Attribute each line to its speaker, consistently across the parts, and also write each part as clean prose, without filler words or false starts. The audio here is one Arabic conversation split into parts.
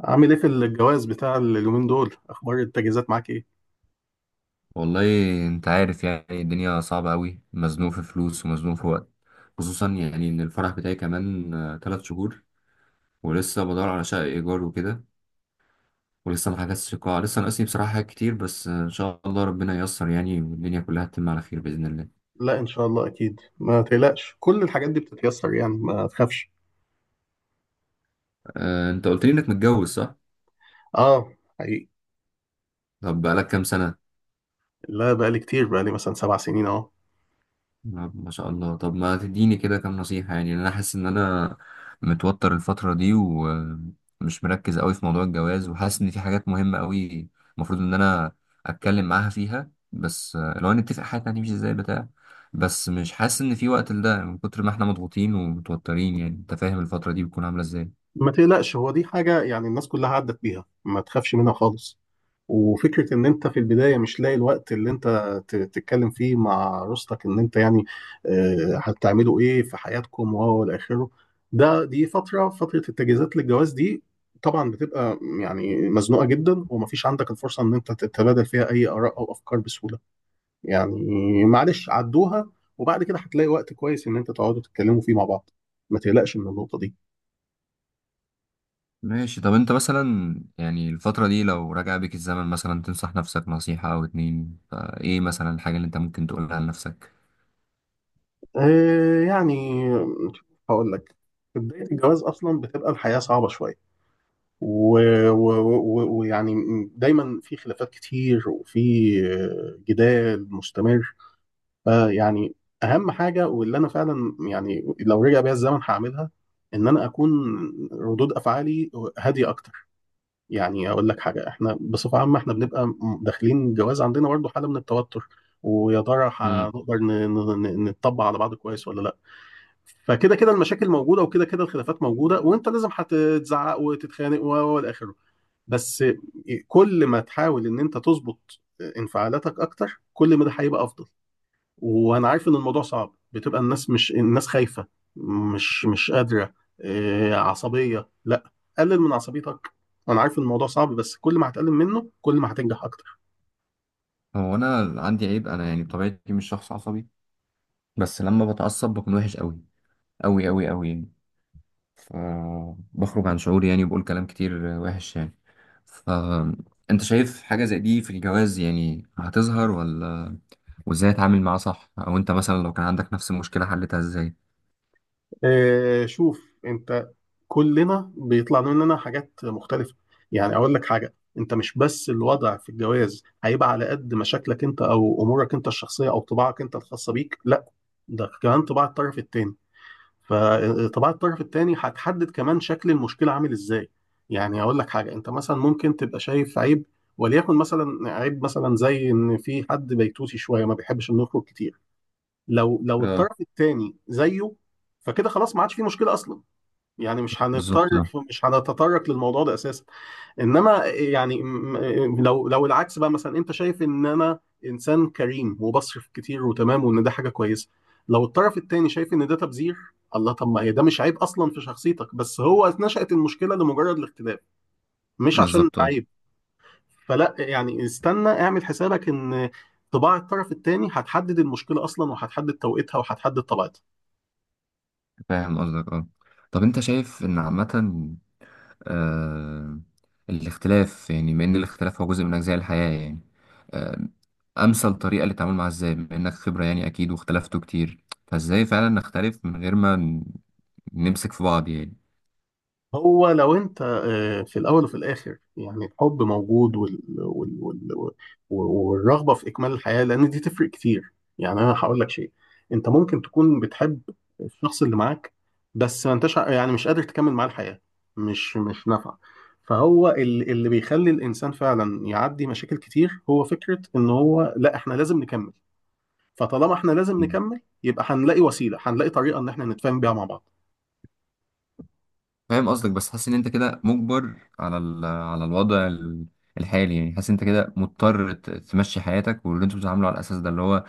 Speaker 1: عامل ايه في الجواز بتاع اليومين دول؟ اخبار التجهيزات معاك ايه؟
Speaker 2: والله، انت عارف يعني الدنيا صعبة قوي، مزنوق في فلوس ومزنوق في وقت، خصوصا يعني ان الفرح بتاعي كمان 3 شهور. ولسه بدور على شقة ايجار وكده، ولسه ما حجزتش القاعة، لسه ناقصني بصراحة حاجات كتير، بس ان شاء الله ربنا ييسر يعني، والدنيا كلها تتم على خير بإذن الله.
Speaker 1: لا ان شاء الله اكيد، ما تقلقش. كل الحاجات دي بتتيسر، يعني ما تخافش.
Speaker 2: انت قلت لي انك متجوز صح؟
Speaker 1: اه. حقيقي.
Speaker 2: طب بقالك كام سنة؟
Speaker 1: لا بقالي كتير، بقالي مثلا 7 سنين اهو.
Speaker 2: نعم، ما شاء الله. طب ما تديني كده كام نصيحة، يعني انا حاسس ان انا متوتر الفترة دي ومش مركز قوي في موضوع الجواز، وحاسس ان في حاجات مهمة قوي المفروض ان انا اتكلم معاها فيها، بس لو نتفق حاجة هتمشي ازاي بتاع. بس مش حاسس ان في وقت لده من كتر ما احنا مضغوطين ومتوترين، يعني انت فاهم الفترة دي بتكون عاملة ازاي.
Speaker 1: ما تقلقش، هو دي حاجة يعني الناس كلها عدت بيها، ما تخافش منها خالص. وفكرة إن أنت في البداية مش لاقي الوقت اللي أنت تتكلم فيه مع أسرتك، إن أنت يعني هتعملوا إيه في حياتكم، وهو إلى آخره. دي فترة التجهيزات للجواز دي طبعا بتبقى يعني مزنوقة جدا، ومفيش عندك الفرصة إن أنت تتبادل فيها أي آراء أو أفكار بسهولة. يعني معلش عدوها، وبعد كده هتلاقي وقت كويس إن أنت تقعدوا تتكلموا فيه مع بعض. ما تقلقش من النقطة دي.
Speaker 2: ماشي. طب انت مثلا يعني الفترة دي لو رجع بيك الزمن مثلا تنصح نفسك نصيحة او اتنين، فايه مثلا الحاجة اللي انت ممكن تقولها لنفسك؟
Speaker 1: يعني هقول لك، في بداية الجواز أصلا بتبقى الحياة صعبة شوية، و- و- و- ويعني دايما في خلافات كتير، وفي جدال مستمر. فيعني اهم حاجه واللي انا فعلا يعني لو رجع بيا الزمن هعملها، ان انا اكون ردود افعالي هاديه اكتر. يعني اقول لك حاجه، احنا بصفه عامه احنا بنبقى داخلين الجواز عندنا برضه حاله من التوتر، ويا ترى هنقدر نطبق على بعض كويس ولا لا. فكده كده المشاكل موجوده، وكده كده الخلافات موجوده، وانت لازم هتتزعق وتتخانق والى اخره. بس كل ما تحاول ان انت تظبط انفعالاتك اكتر، كل ما ده هيبقى افضل. وانا عارف ان الموضوع صعب، بتبقى الناس مش الناس خايفة، مش قادرة. عصبية، لا، قلل من عصبيتك. انا عارف ان الموضوع صعب، بس كل ما هتقلل منه كل ما هتنجح اكتر.
Speaker 2: هو انا عندي عيب، انا يعني بطبيعتي مش شخص عصبي، بس لما بتعصب بكون وحش قوي قوي قوي قوي يعني، فبخرج عن شعوري يعني وبقول كلام كتير وحش يعني. فانت شايف حاجة زي دي في الجواز يعني هتظهر ولا؟ وازاي اتعامل معاها صح؟ او انت مثلا لو كان عندك نفس المشكلة حلتها ازاي؟
Speaker 1: شوف انت، كلنا بيطلع مننا حاجات مختلفة. يعني أقول لك حاجة، أنت مش بس الوضع في الجواز هيبقى على قد مشاكلك أنت أو أمورك أنت الشخصية أو طباعك أنت الخاصة بيك، لا، ده كمان طباع الطرف التاني. فطباع الطرف التاني هتحدد كمان شكل المشكلة عامل إزاي. يعني أقول لك حاجة، أنت مثلا ممكن تبقى شايف عيب، وليكن مثلا عيب مثلا زي إن في حد بيتوتي شوية ما بيحبش إنه يخرج كتير. لو
Speaker 2: اه.
Speaker 1: الطرف التاني زيه، فكده خلاص ما عادش في مشكلة أصلا، يعني مش هنضطر،
Speaker 2: بالظبط اه.
Speaker 1: مش هنتطرق للموضوع ده اساسا. انما يعني لو العكس بقى، مثلا انت شايف ان انا انسان كريم وبصرف كتير وتمام، وان ده حاجه كويسه، لو الطرف التاني شايف ان ده تبذير. الله، طب ما هي ده مش عيب اصلا في شخصيتك، بس هو نشأت المشكله لمجرد الاختلاف، مش عشان
Speaker 2: بالظبط اه.
Speaker 1: عيب. فلا يعني استنى اعمل حسابك ان طباع الطرف التاني هتحدد المشكله اصلا، وهتحدد توقيتها، وهتحدد طبيعتها.
Speaker 2: فاهم قصدك اه. طب انت شايف ان عامة آه، الاختلاف، يعني بما ان الاختلاف هو جزء من اجزاء الحياة يعني آه، امثل طريقة للتعامل مع الذات، بما انك خبرة يعني اكيد، واختلفتوا كتير، فازاي فعلا نختلف من غير ما نمسك في بعض يعني؟
Speaker 1: هو لو انت في الاول وفي الاخر يعني الحب موجود، وال... وال... وال... والرغبه في اكمال الحياه، لان دي تفرق كتير. يعني انا هقول لك شيء، انت ممكن تكون بتحب الشخص اللي معاك، بس ما انتش يعني مش قادر تكمل معاه الحياه، مش نافعه. فهو اللي بيخلي الانسان فعلا يعدي مشاكل كتير هو فكره ان هو لا، احنا لازم نكمل. فطالما احنا لازم
Speaker 2: مم.
Speaker 1: نكمل، يبقى هنلاقي وسيله، هنلاقي طريقه ان احنا نتفاهم بيها مع بعض.
Speaker 2: فاهم قصدك، بس حاسس ان انت كده مجبر على على الوضع الحالي يعني، حاسس انت كده مضطر تمشي حياتك، واللي انتوا بتتعاملوا على الاساس ده اللي هو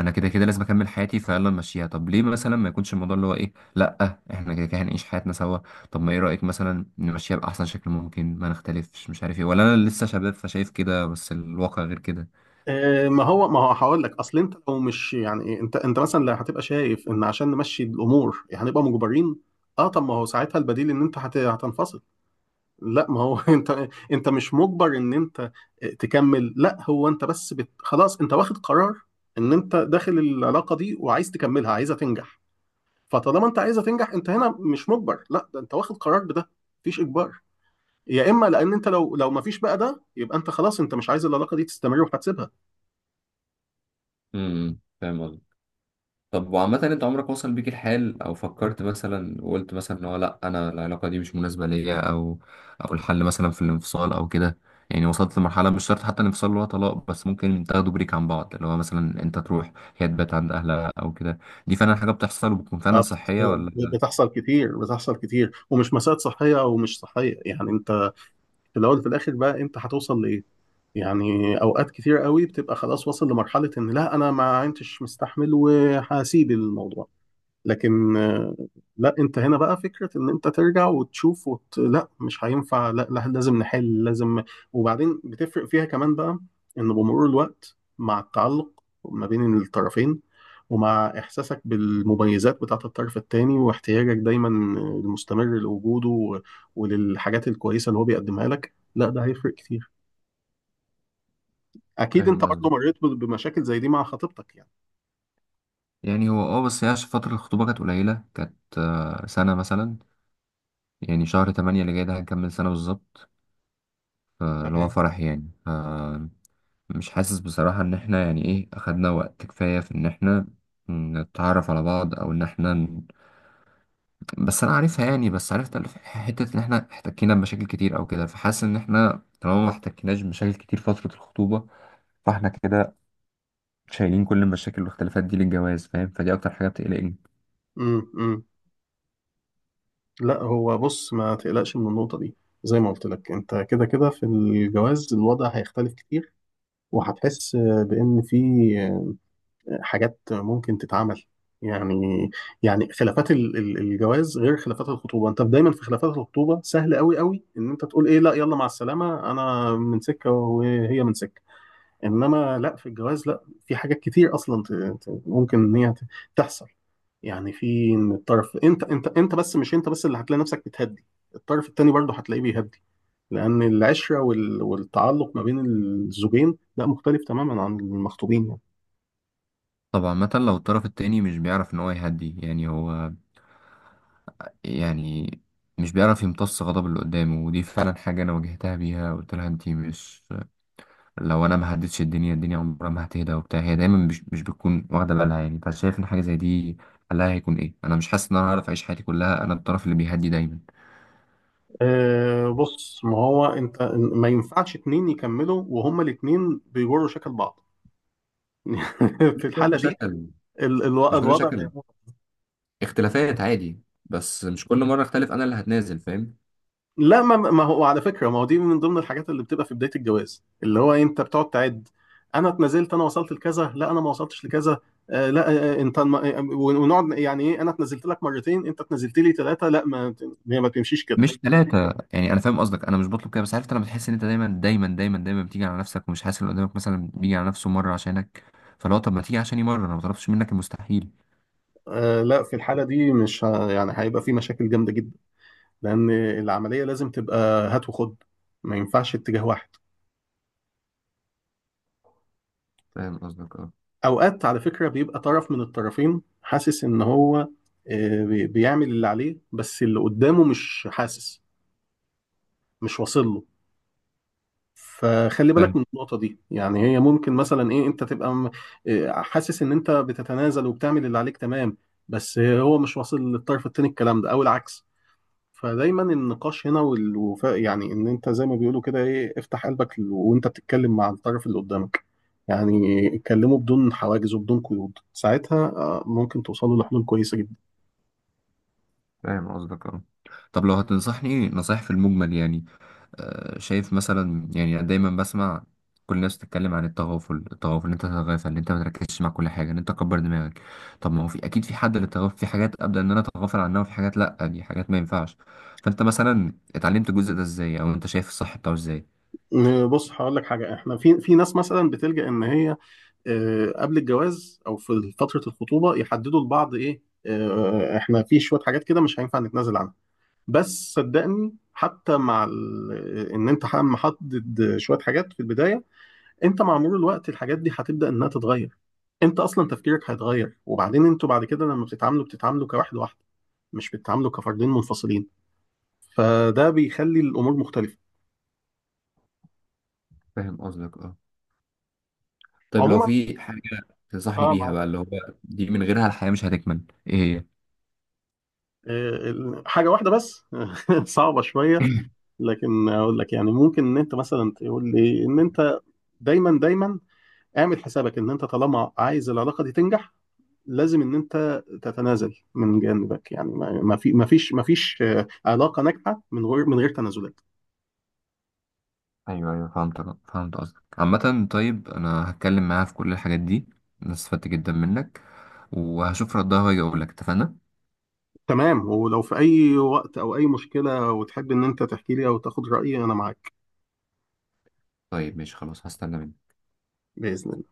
Speaker 2: انا كده كده لازم اكمل حياتي فيلا نمشيها. طب ليه مثلا ما يكونش الموضوع اللي هو ايه، لا احنا كده كده هنعيش حياتنا سوا، طب ما ايه رايك مثلا نمشيها باحسن شكل ممكن، ما نختلفش مش عارف ايه؟ ولا انا لسه شباب فشايف كده بس الواقع غير كده؟
Speaker 1: ما هو هقول لك اصل انت لو مش يعني انت مثلا لو هتبقى شايف ان عشان نمشي الامور هنبقى مجبرين، اه طب ما هو ساعتها البديل ان انت هتنفصل. لا ما هو انت مش مجبر ان انت تكمل. لا هو انت بس بت خلاص، انت واخد قرار ان انت داخل العلاقه دي وعايز تكملها، عايزها تنجح. فطالما انت عايزها تنجح، انت هنا مش مجبر، لا ده انت واخد قرار بده، مفيش اجبار. يا اما لان انت لو مفيش بقى ده، يبقى انت خلاص انت مش عايز العلاقه دي تستمر، وهتسيبها.
Speaker 2: فاهم. طب وعامة انت عمرك وصل بيك الحال او فكرت مثلا وقلت مثلا ان هو لا انا العلاقة دي مش مناسبة ليا، او الحل مثلا في الانفصال او كده؟ يعني وصلت لمرحلة، مش شرط حتى الانفصال اللي هو طلاق، بس ممكن تاخدوا بريك عن بعض، اللي هو مثلا انت تروح هي تبات عند اهلها او كده، دي فعلا حاجة بتحصل وبتكون فعلا
Speaker 1: آه، بت-
Speaker 2: صحية ولا لا؟
Speaker 1: بتحصل كتير، بتحصل كتير، ومش مسائل صحية أو مش صحية. يعني أنت في الأول في الآخر بقى أنت هتوصل لإيه؟ يعني أوقات كتير قوي بتبقى خلاص واصل لمرحلة إن لا أنا ما عدتش مستحمل وهسيب الموضوع، لكن لا انت هنا بقى فكرة ان انت ترجع وتشوف وت، لا مش هينفع، لا, لا لازم نحل، لازم. وبعدين بتفرق فيها كمان بقى، ان بمرور الوقت مع التعلق ما بين الطرفين، ومع احساسك بالمميزات بتاعة الطرف التاني، واحتياجك دايما المستمر لوجوده، و... وللحاجات الكويسة اللي هو بيقدمها لك، لا ده هيفرق كتير. اكيد انت
Speaker 2: فاهم
Speaker 1: برضه
Speaker 2: قصدك.
Speaker 1: مريت بمشاكل زي دي مع خطيبتك يعني.
Speaker 2: يعني هو اه، بس هي عشان فترة الخطوبة كانت قليلة، كانت سنة مثلا، يعني شهر 8 اللي جاي ده هنكمل سنة بالظبط، اللي هو
Speaker 1: تمام.
Speaker 2: فرح يعني. مش حاسس بصراحة إن إحنا يعني إيه أخدنا وقت كفاية في إن إحنا نتعرف على بعض، أو إن إحنا بس أنا عارفها يعني، بس عرفت حتة إن إحنا احتكينا بمشاكل كتير أو كده، فحاسس إن إحنا طالما ما احتكيناش بمشاكل كتير فترة الخطوبة، فإحنا كده شايلين كل المشاكل والاختلافات دي للجواز، فاهم؟ فدي أكتر حاجة بتقلقني.
Speaker 1: امم، لا هو بص ما تقلقش من النقطة دي. زي ما قلت لك، انت كده كده في الجواز الوضع هيختلف كتير، وهتحس بان في حاجات ممكن تتعمل. يعني يعني خلافات الجواز غير خلافات الخطوبة. انت دايما في خلافات الخطوبة سهل قوي قوي ان انت تقول ايه، لا يلا مع السلامة، انا من سكة وهي من سكة. انما لا، في الجواز لا، في حاجات كتير اصلا ممكن ان هي تحصل. يعني في ان الطرف انت، بس مش انت بس اللي هتلاقي نفسك بتهدي، الطرف التاني برضه هتلاقيه بيهدي، لان العشره والتعلق ما بين الزوجين لا، مختلف تماما عن المخطوبين يعني.
Speaker 2: طبعا مثلا لو الطرف التاني مش بيعرف إن هو يهدي يعني هو يعني مش بيعرف يمتص غضب اللي قدامه، ودي فعلا حاجة أنا واجهتها بيها، قلت لها أنتي مش، لو انا ما هديتش الدنيا، الدنيا عمرها ما هتهدى وبتاع، هي دايما مش بتكون واخده بالها يعني، فشايف ان حاجه زي دي حلها هيكون ايه؟ انا مش حاسس ان انا هعرف اعيش حياتي كلها انا الطرف اللي بيهدي دايما.
Speaker 1: أه بص، ما هو انت ما ينفعش اتنين يكملوا وهما الاتنين بيجروا شكل بعض
Speaker 2: مش
Speaker 1: في الحاله
Speaker 2: كل
Speaker 1: دي
Speaker 2: شكل. مش كل
Speaker 1: الوضع.
Speaker 2: شكل. اختلافات عادي، بس مش كل مرة اختلف انا اللي هتنازل، فاهم؟
Speaker 1: لا، ما هو على فكره، ما هو دي من ضمن الحاجات اللي بتبقى في بدايه الجواز، اللي هو انت بتقعد تعد، انا اتنازلت، انا وصلت لكذا، لا انا ما وصلتش لكذا. آه لا انت ونقعد يعني ايه، انا اتنازلت لك مرتين، انت اتنازلت لي ثلاثه، لا، ما هي ما تمشيش كده.
Speaker 2: مش ثلاثة يعني، أنا فاهم قصدك، أنا مش بطلب كده، بس عارف أنت لما تحس إن أنت دايما دايما دايما دايما بتيجي على نفسك ومش حاسس إن اللي قدامك مثلا بيجي على نفسه مرة عشانك، فلو طب ما تيجي عشاني مرة، أنا ما طلبتش منك المستحيل.
Speaker 1: آه لا، في الحاله دي مش يعني هيبقى في مشاكل جامده جدا، لان العمليه لازم تبقى هات وخد، ما ينفعش اتجاه واحد.
Speaker 2: فاهم قصدك
Speaker 1: اوقات على فكره بيبقى طرف من الطرفين حاسس ان هو بيعمل اللي عليه، بس اللي قدامه مش حاسس، مش واصل له. فخلي بالك
Speaker 2: اه.
Speaker 1: من النقطة دي. يعني هي ممكن مثلا ايه، انت تبقى م- إيه، حاسس ان انت بتتنازل وبتعمل اللي عليك تمام، بس هو مش واصل للطرف التاني الكلام ده، او العكس. فدايما النقاش هنا والوفاء، يعني ان انت زي ما بيقولوا كده ايه، افتح قلبك وانت بتتكلم مع الطرف اللي قدامك. يعني اتكلموا بدون حواجز وبدون قيود، ساعتها ممكن توصلوا لحلول كويسة جدا.
Speaker 2: فاهم قصدك اه. طب لو هتنصحني نصايح في المجمل يعني شايف مثلا يعني دايما بسمع كل الناس تتكلم عن التغافل، التغافل ان انت تتغافل، ان انت ما تركزش مع كل حاجه، ان انت تكبر دماغك، طب ما هو في اكيد في حد للتغافل، في حاجات ابدا ان انا اتغافل عنها، وفي حاجات لا دي حاجات ما ينفعش، فانت مثلا اتعلمت الجزء ده ازاي، او انت شايف الصح بتاعه ازاي؟
Speaker 1: بص هقول لك حاجة، احنا في ناس مثلا بتلجأ ان هي قبل الجواز او في فتره الخطوبه يحددوا لبعض ايه، احنا في شويه حاجات كده مش هينفع نتنازل عنها. بس صدقني، حتى مع ان انت محدد شويه حاجات في البدايه، انت مع مرور الوقت الحاجات دي هتبدا انها تتغير. انت اصلا تفكيرك هيتغير، وبعدين انتوا بعد كده لما بتتعاملوا بتتعاملوا كواحد واحده، مش بتتعاملوا كفردين منفصلين. فده بيخلي الامور مختلفه.
Speaker 2: فاهم قصدك اه. طيب لو
Speaker 1: عموما
Speaker 2: في حاجه تنصحني
Speaker 1: اه،
Speaker 2: بيها
Speaker 1: مع
Speaker 2: بقى اللي هو دي من غيرها الحياه مش هتكمل، ايه
Speaker 1: حاجه واحده بس صعبه شويه،
Speaker 2: هي؟
Speaker 1: لكن اقول لك، يعني ممكن ان انت مثلا تقول لي ان انت دايما دايما اعمل حسابك ان انت طالما عايز العلاقه دي تنجح، لازم ان انت تتنازل من جانبك. يعني ما فيش علاقه ناجحه من غير تنازلات.
Speaker 2: ايوه ايوه فهمت. فهمت قصدك عامة. طيب انا هتكلم معاها في كل الحاجات دي، انا استفدت جدا منك، وهشوف ردها واجي اقول لك، اتفقنا.
Speaker 1: تمام، ولو في اي وقت او اي مشكله وتحب ان انت تحكي لي او تاخد رايي، انا معاك.
Speaker 2: طيب ماشي خلاص، هستنى منك.
Speaker 1: باذن